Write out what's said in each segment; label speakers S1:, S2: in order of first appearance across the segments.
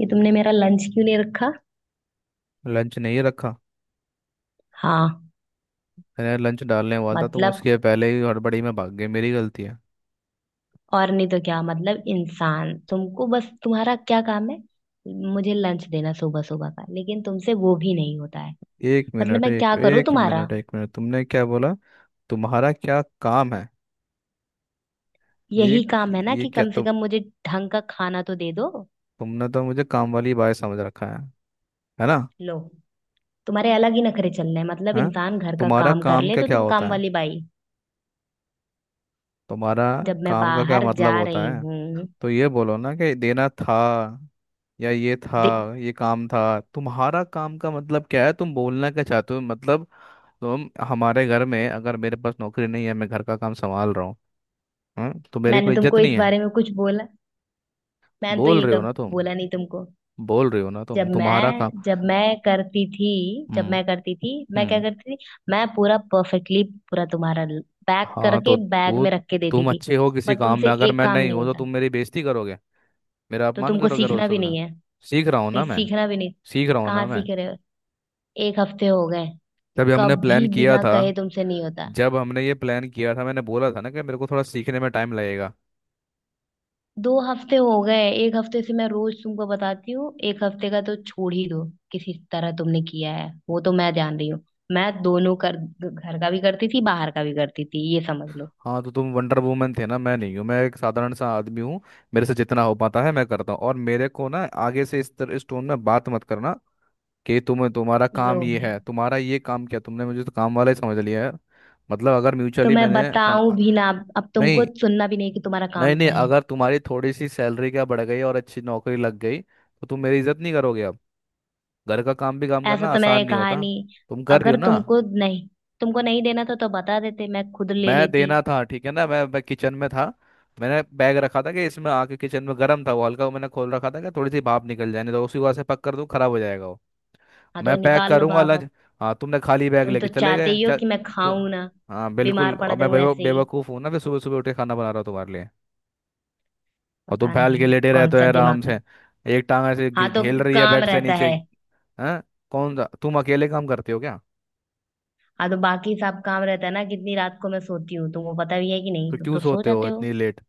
S1: ये तुमने मेरा लंच क्यों नहीं रखा।
S2: लंच नहीं रखा।
S1: हाँ।
S2: मैंने लंच डालने वाला था, तुम
S1: मतलब
S2: उसके पहले ही हड़बड़ी में भाग गए, मेरी गलती है।
S1: और नहीं तो क्या। मतलब इंसान, तुमको बस तुम्हारा क्या काम है? मुझे लंच देना सुबह सुबह का, लेकिन तुमसे वो भी नहीं होता है।
S2: एक
S1: मतलब
S2: मिनट,
S1: मैं
S2: एक
S1: क्या करूँ
S2: एक
S1: तुम्हारा?
S2: मिनट, एक मिनट, तुमने क्या बोला। तुम्हारा क्या काम है। ये
S1: यही काम है ना
S2: ये
S1: कि
S2: क्या
S1: कम से
S2: तुम।
S1: कम मुझे ढंग का खाना तो दे दो।
S2: तुमने तो मुझे काम वाली बाई समझ रखा है। है ना।
S1: लो, तुम्हारे अलग ही नखरे चल रहे हैं। मतलब
S2: हैं।
S1: इंसान घर का
S2: तुम्हारा
S1: काम कर
S2: काम
S1: ले
S2: का
S1: तो
S2: क्या
S1: तुम
S2: होता
S1: काम
S2: है।
S1: वाली बाई?
S2: तुम्हारा
S1: जब मैं
S2: काम का क्या
S1: बाहर
S2: मतलब
S1: जा
S2: होता
S1: रही
S2: है।
S1: हूँ।
S2: तो ये बोलो ना कि देना था, या ये था,
S1: दे-
S2: ये काम था। तुम्हारा काम का मतलब क्या है। तुम बोलना क्या चाहते हो मतलब। तो हमारे घर में अगर मेरे पास नौकरी नहीं है, मैं घर का काम संभाल रहा हूँ। हाँ? तो मेरी
S1: मैंने
S2: कोई इज्जत
S1: तुमको इस
S2: नहीं है।
S1: बारे में कुछ बोला? मैंने तो
S2: बोल
S1: ये
S2: रहे हो ना
S1: कब
S2: तुम।
S1: बोला नहीं तुमको।
S2: बोल रहे हो ना तुम,
S1: जब
S2: तुम्हारा काम।
S1: मैं जब मैं करती थी, जब
S2: हम्म।
S1: मैं करती थी मैं क्या
S2: हम्म।
S1: करती थी? मैं पूरा परफेक्टली, पूरा तुम्हारा पैक
S2: हाँ तो
S1: करके बैग
S2: तू
S1: में रख के देती
S2: तुम
S1: थी।
S2: अच्छे हो किसी
S1: पर
S2: काम
S1: तुमसे
S2: में, अगर
S1: एक
S2: मैं
S1: काम
S2: नहीं
S1: नहीं
S2: हूँ तो
S1: होता,
S2: तुम मेरी बेइज्जती करोगे। मेरा
S1: तो
S2: अपमान
S1: तुमको
S2: करोगे रोज
S1: सीखना भी
S2: सुबह।
S1: नहीं है।
S2: सीख रहा हूँ
S1: नहीं,
S2: ना मैं।
S1: सीखना भी नहीं।
S2: सीख रहा हूँ
S1: कहाँ
S2: ना मैं।
S1: सीख रहे हो? एक हफ्ते हो गए,
S2: जब हमने
S1: कभी
S2: प्लान किया
S1: बिना
S2: था
S1: कहे तुमसे नहीं होता।
S2: जब हमने ये प्लान किया था, मैंने बोला था ना कि मेरे को थोड़ा सीखने में टाइम लगेगा।
S1: दो हफ्ते हो गए, एक हफ्ते से मैं रोज तुमको बताती हूँ, एक हफ्ते का तो छोड़ ही दो। किसी तरह तुमने किया है वो तो मैं जान रही हूँ। मैं दोनों कर, घर का भी करती थी बाहर का भी करती थी, ये समझ लो।
S2: हाँ तो तुम वंडर वुमन थे ना, मैं नहीं हूँ। मैं एक साधारण सा आदमी हूँ। मेरे से जितना हो पाता है मैं करता हूँ, और मेरे को ना, आगे से इस तरह इस टोन में बात मत करना कि तुम्हारा
S1: लो
S2: काम ये
S1: भाई,
S2: है, तुम्हारा ये काम क्या, तुमने मुझे तो काम वाला ही समझ लिया है। मतलब अगर
S1: तो
S2: म्यूचुअली
S1: मैं
S2: मैंने सम...
S1: बताऊं भी ना? अब तुमको
S2: नहीं।
S1: सुनना भी नहीं कि तुम्हारा
S2: नहीं
S1: काम
S2: नहीं,
S1: क्या है।
S2: अगर तुम्हारी थोड़ी सी सैलरी क्या बढ़ गई और अच्छी नौकरी लग गई तो तुम मेरी इज्जत नहीं करोगे अब। घर का काम भी, काम
S1: ऐसा
S2: करना
S1: तो
S2: आसान
S1: मैंने
S2: नहीं
S1: कहा
S2: होता।
S1: नहीं।
S2: तुम कर रही
S1: अगर
S2: हो ना।
S1: तुमको नहीं, तुमको नहीं देना था तो बता देते, मैं खुद ले
S2: मैं
S1: लेती।
S2: देना था, ठीक है ना, मैं किचन में था। मैंने बैग रखा था कि इसमें आके, किचन में गर्म था वो हल्का, वो मैंने खोल रखा था कि थोड़ी सी भाप निकल जाए, नहीं तो उसी को ऐसे पक कर दूं खराब हो जाएगा वो।
S1: हाँ तो
S2: मैं पैक
S1: निकाल लो
S2: करूंगा
S1: भाप
S2: लंच।
S1: अब।
S2: हाँ तुमने खाली बैग
S1: तुम तो
S2: लेके चले
S1: चाहते
S2: गए
S1: ही हो
S2: चल।
S1: कि मैं
S2: तो
S1: खाऊं ना,
S2: हाँ बिल्कुल,
S1: बीमार पड़
S2: और मैं
S1: जाऊं
S2: बेवकूफ़
S1: ऐसे ही।
S2: बेवकूफ़ हूँ ना, फिर सुबह सुबह उठ के खाना बना रहा हूँ तुम्हारे लिए। और तुम
S1: पता
S2: फैल के
S1: नहीं
S2: लेटे
S1: कौन
S2: रहते हो
S1: सा
S2: आराम
S1: दिमाग
S2: से।
S1: है।
S2: एक टांग ऐसे
S1: हाँ तो
S2: झेल रही है
S1: काम
S2: बेड से
S1: रहता
S2: नीचे।
S1: है।
S2: हाँ। कौन सा तुम अकेले काम करते हो क्या।
S1: हाँ तो बाकी सब काम रहता है ना। कितनी रात को मैं सोती हूँ तुमको पता भी है कि नहीं,
S2: तो
S1: तुम
S2: क्यों
S1: तो सो
S2: सोते हो
S1: जाते हो।
S2: इतनी लेट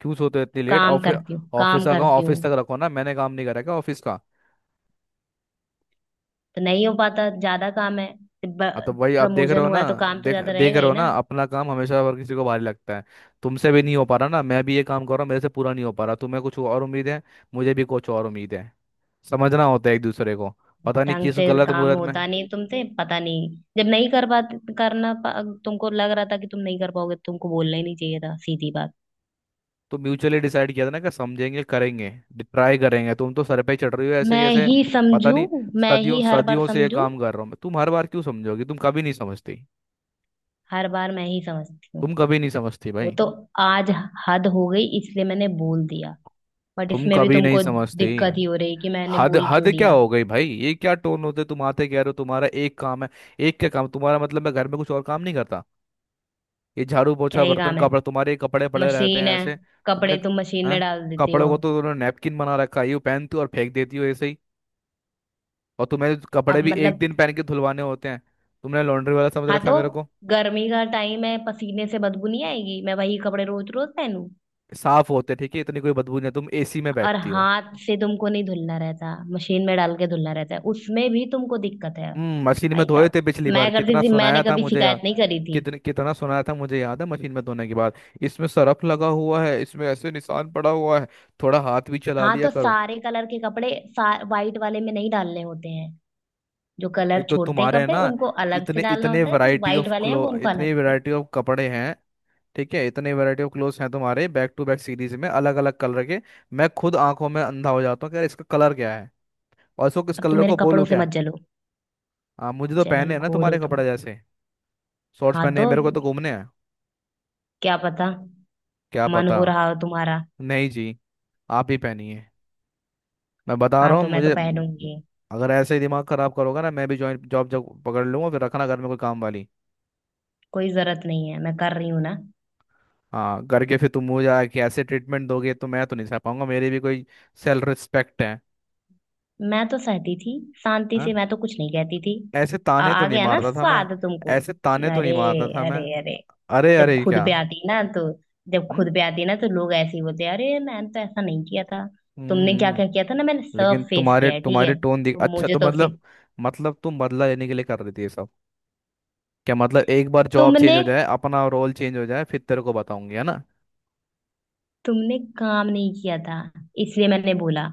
S2: क्यों सोते हो इतनी लेट
S1: काम
S2: ऑफिस।
S1: करती हूँ,
S2: ऑफिस
S1: काम
S2: का काम
S1: करती हूँ
S2: ऑफिस तक रखो ना, मैंने काम नहीं करा क्या ऑफिस का।
S1: तो नहीं हो पाता, ज्यादा काम है।
S2: अब तो भाई आप देख रहे
S1: प्रमोशन
S2: हो
S1: हुआ
S2: ना।
S1: है तो काम तो
S2: देख
S1: ज्यादा
S2: देख
S1: रहेगा
S2: रहे
S1: ही
S2: हो ना,
S1: ना।
S2: अपना काम हमेशा हर किसी को भारी लगता है। तुमसे भी नहीं हो पा रहा ना, मैं भी ये काम कर रहा हूँ, मेरे से पूरा नहीं हो पा रहा, तुम्हें कुछ और उम्मीद है, मुझे भी कुछ और उम्मीद है। समझना होता है एक दूसरे को। पता नहीं
S1: ढंग
S2: किस
S1: से
S2: गलत
S1: काम
S2: मुहूर्त में।
S1: होता नहीं तुमसे, पता नहीं। जब नहीं कर पाते, तुमको लग रहा था कि तुम नहीं कर पाओगे, तुमको बोलना ही नहीं चाहिए था, सीधी बात।
S2: तो म्यूचुअली डिसाइड किया था ना कि समझेंगे करेंगे, ट्राई करेंगे, तुम तो सर पे ही चढ़ रही हो ऐसे ही
S1: मैं
S2: ऐसे।
S1: ही
S2: पता
S1: समझू,
S2: नहीं।
S1: मैं
S2: सदियों
S1: ही हर बार
S2: सदियों से ये
S1: समझू,
S2: काम कर रहा हूँ मैं, तुम हर बार क्यों समझोगी, तुम कभी नहीं समझती।
S1: हर बार मैं ही समझती हूँ।
S2: तुम कभी नहीं समझती
S1: वो
S2: भाई।
S1: तो आज हद हो गई इसलिए मैंने बोल दिया, बट
S2: तुम
S1: इसमें भी
S2: कभी नहीं
S1: तुमको
S2: समझते।
S1: दिक्कत ही हो रही कि मैंने
S2: हद
S1: बोल क्यों
S2: हद क्या
S1: दिया।
S2: हो गई भाई, ये क्या टोन होते तुम आते कह रहे हो तुम्हारा एक काम है। एक क्या काम तुम्हारा, मतलब मैं घर में कुछ और काम नहीं करता। ये झाड़ू
S1: क्या
S2: पोछा
S1: ही
S2: बर्तन
S1: काम है।
S2: कपड़ा, तुम्हारे कपड़े पड़े रहते
S1: मशीन
S2: हैं
S1: है,
S2: ऐसे। तुमने।
S1: कपड़े तुम मशीन में
S2: हैं।
S1: डाल देते
S2: कपड़ों
S1: हो।
S2: को तो तुमने नैपकिन बना रखा है, यूं पहनती हो और फेंक देती हो ऐसे ही। और तुम्हें
S1: अब
S2: कपड़े भी एक
S1: मतलब।
S2: दिन पहन के धुलवाने होते हैं। तुमने लॉन्ड्री वाला समझ
S1: हाँ
S2: रखा है
S1: तो
S2: मेरे को।
S1: गर्मी का टाइम है, पसीने से बदबू नहीं आएगी? मैं वही कपड़े रोज रोज पहनूं?
S2: साफ होते हैं, ठीक है, इतनी कोई बदबू नहीं है, तुम एसी में
S1: और
S2: बैठती हो।
S1: हाथ से तुमको नहीं धुलना रहता, मशीन में डाल के धुलना रहता है, उसमें भी तुमको दिक्कत है
S2: मशीन में
S1: भाई
S2: धोए
S1: साहब।
S2: थे पिछली बार,
S1: मैं करती
S2: कितना
S1: थी, मैंने
S2: सुनाया था
S1: कभी
S2: मुझे यार।
S1: शिकायत नहीं करी थी।
S2: कितने कितना सुनाया था मुझे याद है मशीन में धोने के बाद, इसमें सरफ लगा हुआ है, इसमें ऐसे निशान पड़ा हुआ है, थोड़ा हाथ भी चला
S1: हाँ
S2: लिया
S1: तो
S2: करो।
S1: सारे कलर के कपड़े, वाइट वाले में नहीं डालने होते हैं। जो कलर
S2: एक तो
S1: छोड़ते हैं
S2: तुम्हारे
S1: कपड़े
S2: ना,
S1: उनको अलग से
S2: इतने
S1: डालना
S2: इतने
S1: होता है, जो
S2: वैरायटी
S1: वाइट
S2: ऑफ
S1: वाले हैं
S2: क्लो
S1: वो उनको
S2: इतने
S1: अलग से।
S2: वैरायटी ऑफ कपड़े हैं, ठीक है, इतने वैरायटी ऑफ क्लोथ्स हैं तुम्हारे, बैक टू बैक सीरीज में अलग अलग कलर के। मैं खुद आंखों में अंधा हो जाता हूँ कि यार इसका कलर क्या है, और इसको किस
S1: अब तुम
S2: कलर
S1: मेरे
S2: को
S1: कपड़ों
S2: बोलूँ
S1: से
S2: क्या।
S1: मत जलो,
S2: हाँ मुझे तो पहने हैं ना
S1: जलनखोर हो
S2: तुम्हारे
S1: तुम।
S2: कपड़े जैसे। शॉर्ट्स
S1: हाँ
S2: पहने
S1: तो
S2: हैं मेरे को तो घूमने हैं।
S1: क्या पता,
S2: क्या
S1: मन
S2: पता।
S1: हो रहा हो तुम्हारा।
S2: नहीं जी, आप ही पहनिए। मैं बता रहा
S1: हाँ
S2: हूँ
S1: तो मैं तो
S2: मुझे।
S1: पहनूंगी।
S2: अगर ऐसे ही दिमाग खराब करोगा ना, मैं भी जॉइंट जॉब जब पकड़ लूंगा, फिर रखना घर में कोई काम वाली।
S1: कोई जरूरत नहीं है, मैं कर रही हूँ ना।
S2: हाँ करके फिर तुम मुझे आके ऐसे ट्रीटमेंट दोगे तो मैं तो नहीं सह पाऊंगा, मेरी भी कोई सेल्फ रिस्पेक्ट है।
S1: मैं तो सहती थी, शांति से
S2: हाँ।
S1: मैं तो कुछ नहीं कहती थी।
S2: ऐसे ताने तो
S1: आ
S2: नहीं
S1: गया ना
S2: मारता था मैं।
S1: स्वाद तुमको।
S2: ऐसे ताने तो
S1: अरे,
S2: नहीं मारता था मैं।
S1: अरे अरे।
S2: अरे
S1: जब
S2: अरे
S1: खुद
S2: क्या।
S1: पे आती ना तो, जब
S2: हम्म।
S1: खुद पे आती ना तो लोग ऐसे ही बोलते हैं, अरे मैंने तो ऐसा नहीं किया था।
S2: हम्म।
S1: तुमने क्या क्या किया
S2: हम्म।
S1: था ना, मैंने
S2: लेकिन
S1: सब फेस
S2: तुम्हारे
S1: किया है, ठीक
S2: तुम्हारे
S1: है,
S2: टोन दिख,
S1: तो
S2: अच्छा,
S1: मुझे
S2: तो
S1: तो उसे।
S2: मतलब, मतलब तुम बदला लेने के लिए कर रही थी ये सब। क्या मतलब, एक बार जॉब चेंज
S1: तुमने
S2: हो जाए, अपना रोल चेंज हो जाए, फिर तेरे को बताऊंगी, है ना।
S1: तुमने काम नहीं किया था इसलिए मैंने बोला।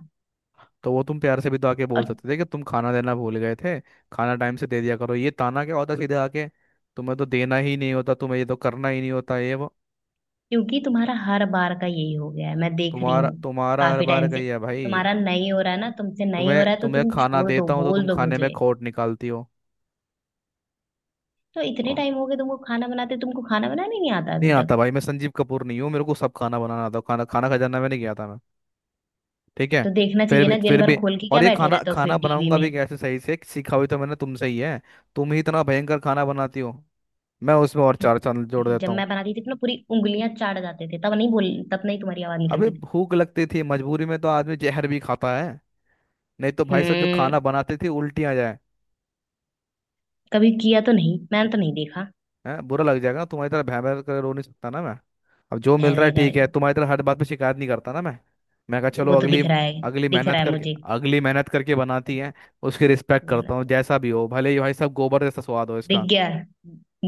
S2: तो वो तुम प्यार से भी तो आके बोल
S1: और,
S2: सकते थे कि तुम खाना देना भूल गए थे, खाना टाइम से दे दिया करो। ये ताना क्या होता सीधे आके, तुम्हें तो देना ही नहीं होता, तुम्हें ये तो करना ही नहीं होता, ये वो।
S1: क्योंकि तुम्हारा हर बार का यही हो गया है, मैं देख रही
S2: तुम्हारा
S1: हूँ
S2: तुम्हारा हर
S1: काफी
S2: बार
S1: टाइम
S2: का
S1: से।
S2: ही है भाई।
S1: तुम्हारा नहीं हो रहा है ना, तुमसे नहीं हो
S2: तुम्हें
S1: रहा है तो
S2: तुम्हें
S1: तुम
S2: खाना
S1: छोड़ दो,
S2: देता हूँ तो
S1: बोल
S2: तुम
S1: दो
S2: खाने में
S1: मुझे।
S2: खोट निकालती हो।
S1: तो
S2: ओ,
S1: इतने टाइम हो गए तुमको खाना बनाते, तुमको खाना बनाने नहीं आता
S2: नहीं
S1: अभी
S2: आता
S1: तक।
S2: भाई, मैं संजीव कपूर नहीं हूँ, मेरे को सब खाना बनाना आता है। खाना खाना खजाना में नहीं गया था मैं, ठीक है।
S1: तो देखना
S2: फिर
S1: चाहिए
S2: भी,
S1: ना, दिन
S2: फिर
S1: भर
S2: भी,
S1: खोल के
S2: और
S1: क्या
S2: ये
S1: बैठे
S2: खाना
S1: रहते हो फिर
S2: खाना
S1: टीवी?
S2: बनाऊंगा भी कैसे, सही से सीखा हुई तो मैंने तुमसे ही है, तुम ही इतना भयंकर खाना बनाती हो, मैं उसमें और चार चांद जोड़
S1: में, जब
S2: देता हूँ।
S1: मैं बनाती थी तो ना पूरी उंगलियां चाट जाते थे, तब नहीं बोल, तब नहीं तुम्हारी आवाज
S2: अबे
S1: निकलती थी।
S2: भूख लगती थी मजबूरी में तो आदमी जहर भी खाता है, नहीं तो भाई साहब जो खाना
S1: हम्म,
S2: बनाते थे उल्टी आ जाए।
S1: कभी किया तो नहीं, मैंने तो नहीं देखा।
S2: हैं, बुरा लग जाएगा, तुम्हारी तरह भैं भैं कर रो नहीं सकता ना मैं। अब जो मिल
S1: है
S2: रहा है
S1: वह कर।
S2: ठीक है, तुम्हारी तरह हर बात पे शिकायत नहीं करता ना मैं। मैं कहा चलो
S1: वो तो
S2: अगली
S1: दिख रहा है,
S2: अगली
S1: दिख
S2: मेहनत
S1: रहा है
S2: करके
S1: मुझे।
S2: अगली मेहनत करके बनाती है, उसकी रिस्पेक्ट करता
S1: मेहनत
S2: हूँ,
S1: कर।
S2: जैसा भी हो, भले ही भाई साहब गोबर जैसा स्वाद हो
S1: दिख
S2: इसका।
S1: गया,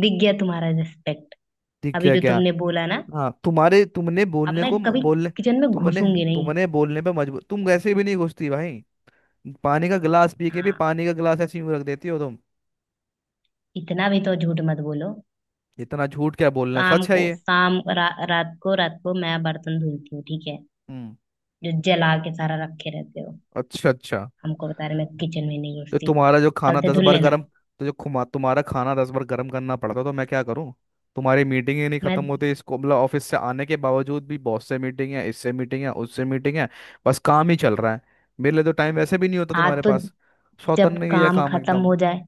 S1: दिख गया तुम्हारा रिस्पेक्ट।
S2: ठीक
S1: अभी
S2: है
S1: जो
S2: क्या।
S1: तुमने बोला ना,
S2: हाँ तुम्हारे, तुमने
S1: अब
S2: बोलने
S1: मैं
S2: को,
S1: कभी
S2: बोलने,
S1: किचन में
S2: तुमने
S1: घुसूंगी नहीं।
S2: तुमने बोलने पे मजबूर, तुम वैसे भी नहीं घुसती भाई। पानी का गिलास पी के भी,
S1: हाँ,
S2: पानी का गिलास ऐसे ही यूं रख देती हो तुम।
S1: इतना भी तो झूठ मत बोलो।
S2: इतना झूठ क्या बोलना है,
S1: शाम
S2: सच है
S1: को,
S2: ये।
S1: रात को, रात को मैं बर्तन धुलती हूँ, ठीक है?
S2: हम्म।
S1: जो जला के सारा रखे रहते हो,
S2: अच्छा, अच्छा।
S1: हमको बता रहे मैं किचन में नहीं
S2: तो
S1: घुसती।
S2: तुम्हारा जो खाना
S1: कल से
S2: दस
S1: धुल
S2: बार
S1: लेना।
S2: गर्म, तो जो खुमा, तुम्हारा खाना 10 बार गर्म करना पड़ता है, तो मैं क्या करूं। तुम्हारी मीटिंग ही नहीं खत्म
S1: मैं।
S2: होती इसको, मतलब ऑफिस से आने के बावजूद भी, बॉस से मीटिंग है, इससे मीटिंग है, उससे मीटिंग है, बस काम ही चल रहा है, मेरे लिए तो टाइम वैसे भी नहीं होता
S1: हाँ
S2: तुम्हारे
S1: तो
S2: पास।
S1: जब
S2: सौतन्य किया
S1: काम
S2: काम
S1: खत्म
S2: एकदम।
S1: हो जाए,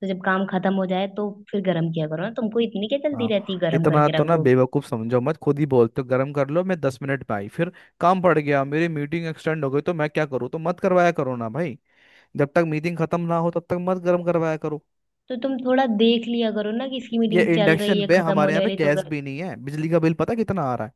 S1: तो जब काम खत्म हो जाए तो फिर गर्म किया करो ना, तुमको इतनी क्या
S2: हाँ,
S1: जल्दी रहती है गर्म
S2: इतना
S1: करके
S2: तो
S1: रख
S2: ना
S1: दो?
S2: बेवकूफ समझो मत, खुद ही बोलते हो गर्म कर लो मैं 10 मिनट में आई, फिर काम पड़ गया, मेरी मीटिंग एक्सटेंड हो गई, तो मैं क्या करूँ, तो मत करवाया करो ना भाई, जब तक मीटिंग खत्म ना हो तब तक मत गर्म करवाया करो।
S1: तो तुम थोड़ा देख लिया करो ना कि इसकी
S2: ये
S1: मीटिंग चल रही
S2: इंडक्शन
S1: है,
S2: पे
S1: खत्म
S2: हमारे
S1: होने
S2: यहाँ पे
S1: वाली तो।
S2: गैस भी नहीं है, बिजली का बिल पता कितना आ रहा है,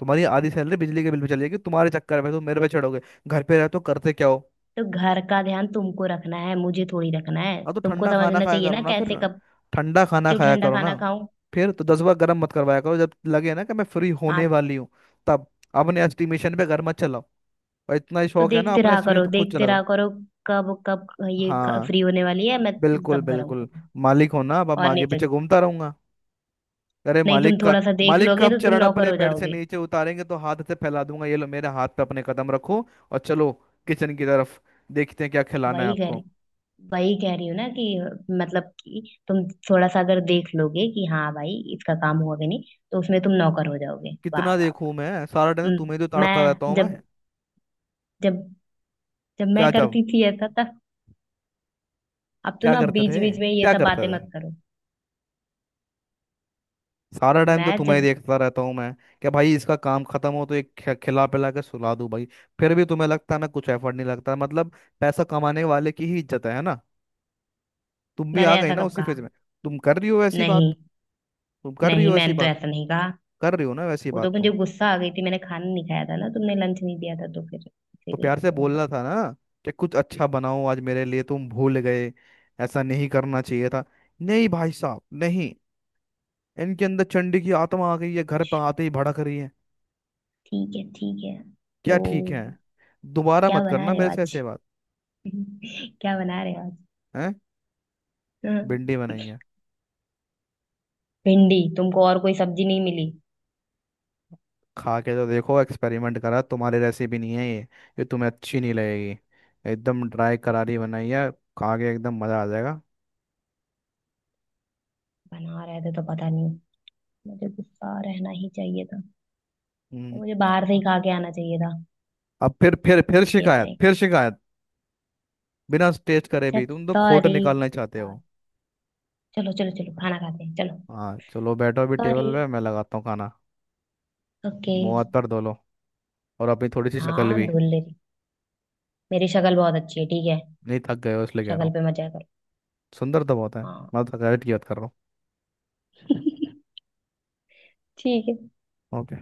S2: तुम्हारी आधी सैलरी बिजली के बिल पे चली जाएगी तुम्हारे चक्कर में, तुम मेरे पे चढ़ोगे, घर पे रहते हो करते क्या हो।
S1: तो घर का ध्यान तुमको रखना है, मुझे थोड़ी रखना है,
S2: अब तो
S1: तुमको
S2: ठंडा खाना
S1: समझना
S2: खाया
S1: चाहिए
S2: करो
S1: ना,
S2: ना फिर।
S1: कैसे कब।
S2: ठंडा खाना
S1: क्यों
S2: खाया
S1: ठंडा
S2: करो ना,
S1: खाना खाऊं?
S2: फिर तो 10 बार गर्म मत करवाया करो, जब लगे ना कि मैं फ्री
S1: हाँ
S2: होने वाली हूँ, तब। अपने एस्टिमेशन पे घर मत चलाओ, और इतना ही
S1: तो
S2: शौक है ना
S1: देखते
S2: अपने
S1: रहा
S2: एस्टिमेशन
S1: करो,
S2: तो खुद
S1: देखते
S2: चलाओ।
S1: रहा करो कब कब ये
S2: हाँ,
S1: फ्री होने वाली है, मैं
S2: बिल्कुल
S1: सब गर्म
S2: बिल्कुल,
S1: करूँ।
S2: मालिक हो ना, अब मैं
S1: और
S2: आगे
S1: नहीं तो,
S2: पीछे घूमता रहूंगा। अरे
S1: नहीं, तुम
S2: मालिक का
S1: थोड़ा सा देख
S2: मालिक का
S1: लोगे
S2: अब
S1: तो तुम
S2: चरण
S1: नौकर
S2: अपने
S1: हो
S2: बेड से
S1: जाओगे?
S2: नीचे उतारेंगे तो हाथ से फैला दूंगा, ये लो मेरे हाथ पे अपने कदम रखो और चलो किचन की तरफ, देखते हैं क्या खिलाना है
S1: वही कह
S2: आपको।
S1: रही, वही कह रही हूँ ना कि, मतलब कि तुम थोड़ा सा अगर देख लोगे कि हाँ भाई इसका काम हुआ कि नहीं, तो उसमें तुम नौकर हो जाओगे? वाह
S2: कितना
S1: वाह
S2: देखूं
S1: वाह।
S2: मैं, सारा टाइम तो
S1: हम्म,
S2: तुम्हें ही तो ताड़ता रहता
S1: मैं
S2: हूँ मैं।
S1: जब जब जब
S2: क्या
S1: मैं
S2: जब,
S1: करती थी ऐसा, अब तो
S2: क्या
S1: ना
S2: करते
S1: बीच
S2: थे,
S1: बीच में ये
S2: क्या
S1: सब
S2: करते
S1: बातें
S2: थे।
S1: मत करो।
S2: सारा टाइम तो
S1: मैं
S2: तुम्हें ही
S1: जब,
S2: देखता रहता हूँ मैं, क्या भाई इसका काम खत्म हो तो एक खिला पिला के सुला दूं भाई। फिर भी तुम्हें लगता है मैं कुछ एफर्ट नहीं लगता, मतलब पैसा कमाने वाले की ही इज्जत है ना। तुम भी आ
S1: मैंने
S2: गई
S1: ऐसा
S2: ना
S1: कब
S2: उसी
S1: कहा?
S2: फेज में, तुम कर रही हो ऐसी बात।
S1: नहीं
S2: तुम कर रही
S1: नहीं
S2: हो ऐसी
S1: मैंने तो
S2: बात,
S1: ऐसा नहीं कहा।
S2: कर रही हो ना वैसी
S1: वो तो
S2: बात
S1: मुझे
S2: तुम।
S1: गुस्सा आ गई थी, मैंने खाना नहीं खाया था ना, तुमने लंच नहीं दिया था, तो फिर
S2: तो
S1: इसीलिए
S2: प्यार से
S1: थोड़ा सा।
S2: बोलना था ना कि कुछ अच्छा बनाओ आज मेरे लिए, तुम भूल गए, ऐसा नहीं करना चाहिए था। नहीं भाई साहब नहीं, इनके अंदर चंडी की आत्मा आ गई है, घर पर आते ही भड़क रही है।
S1: ठीक है, ठीक है।
S2: क्या
S1: तो
S2: ठीक है, दोबारा
S1: क्या
S2: मत
S1: बना
S2: करना
S1: रहे हो
S2: मेरे से
S1: आज?
S2: ऐसे बात।
S1: क्या बना रहे हो आज?
S2: है,
S1: हाँ,
S2: भिंडी बनाई है,
S1: भिंडी? तुमको और कोई सब्जी नहीं मिली?
S2: खा के तो देखो, एक्सपेरिमेंट करा, तुम्हारी रेसिपी नहीं है ये तुम्हें अच्छी नहीं लगेगी, एकदम ड्राई करारी बनाई है, खा के एकदम मजा आ जाएगा।
S1: बना रहे थे तो, पता नहीं, मुझे गुस्सा रहना ही चाहिए था।
S2: हम्म,
S1: मुझे बाहर से ही खा के आना चाहिए था।
S2: अब फिर
S1: भिंडी
S2: शिकायत,
S1: बनाई।
S2: फिर शिकायत, बिना टेस्ट करे
S1: अच्छा,
S2: भी तुम तो खोट
S1: सॉरी।
S2: निकालना चाहते हो।
S1: चलो चलो चलो, खाना खाते हैं चलो।
S2: हाँ चलो बैठो, अभी
S1: सॉरी।
S2: टेबल पे मैं लगाता हूँ खाना।
S1: ओके।
S2: मुंह हाथ पर धो लो, और अपनी थोड़ी सी शक्ल
S1: हाँ
S2: भी,
S1: धुल ले रही, मेरी शक्ल बहुत अच्छी है ठीक है।
S2: नहीं थक गए हो इसलिए कह रहा
S1: शक्ल
S2: हूँ,
S1: पे मजा करो।
S2: सुंदर तो बहुत है,
S1: हाँ।
S2: मैं तो थकावट की बात कर रहा
S1: ठीक है।
S2: हूँ, ओके।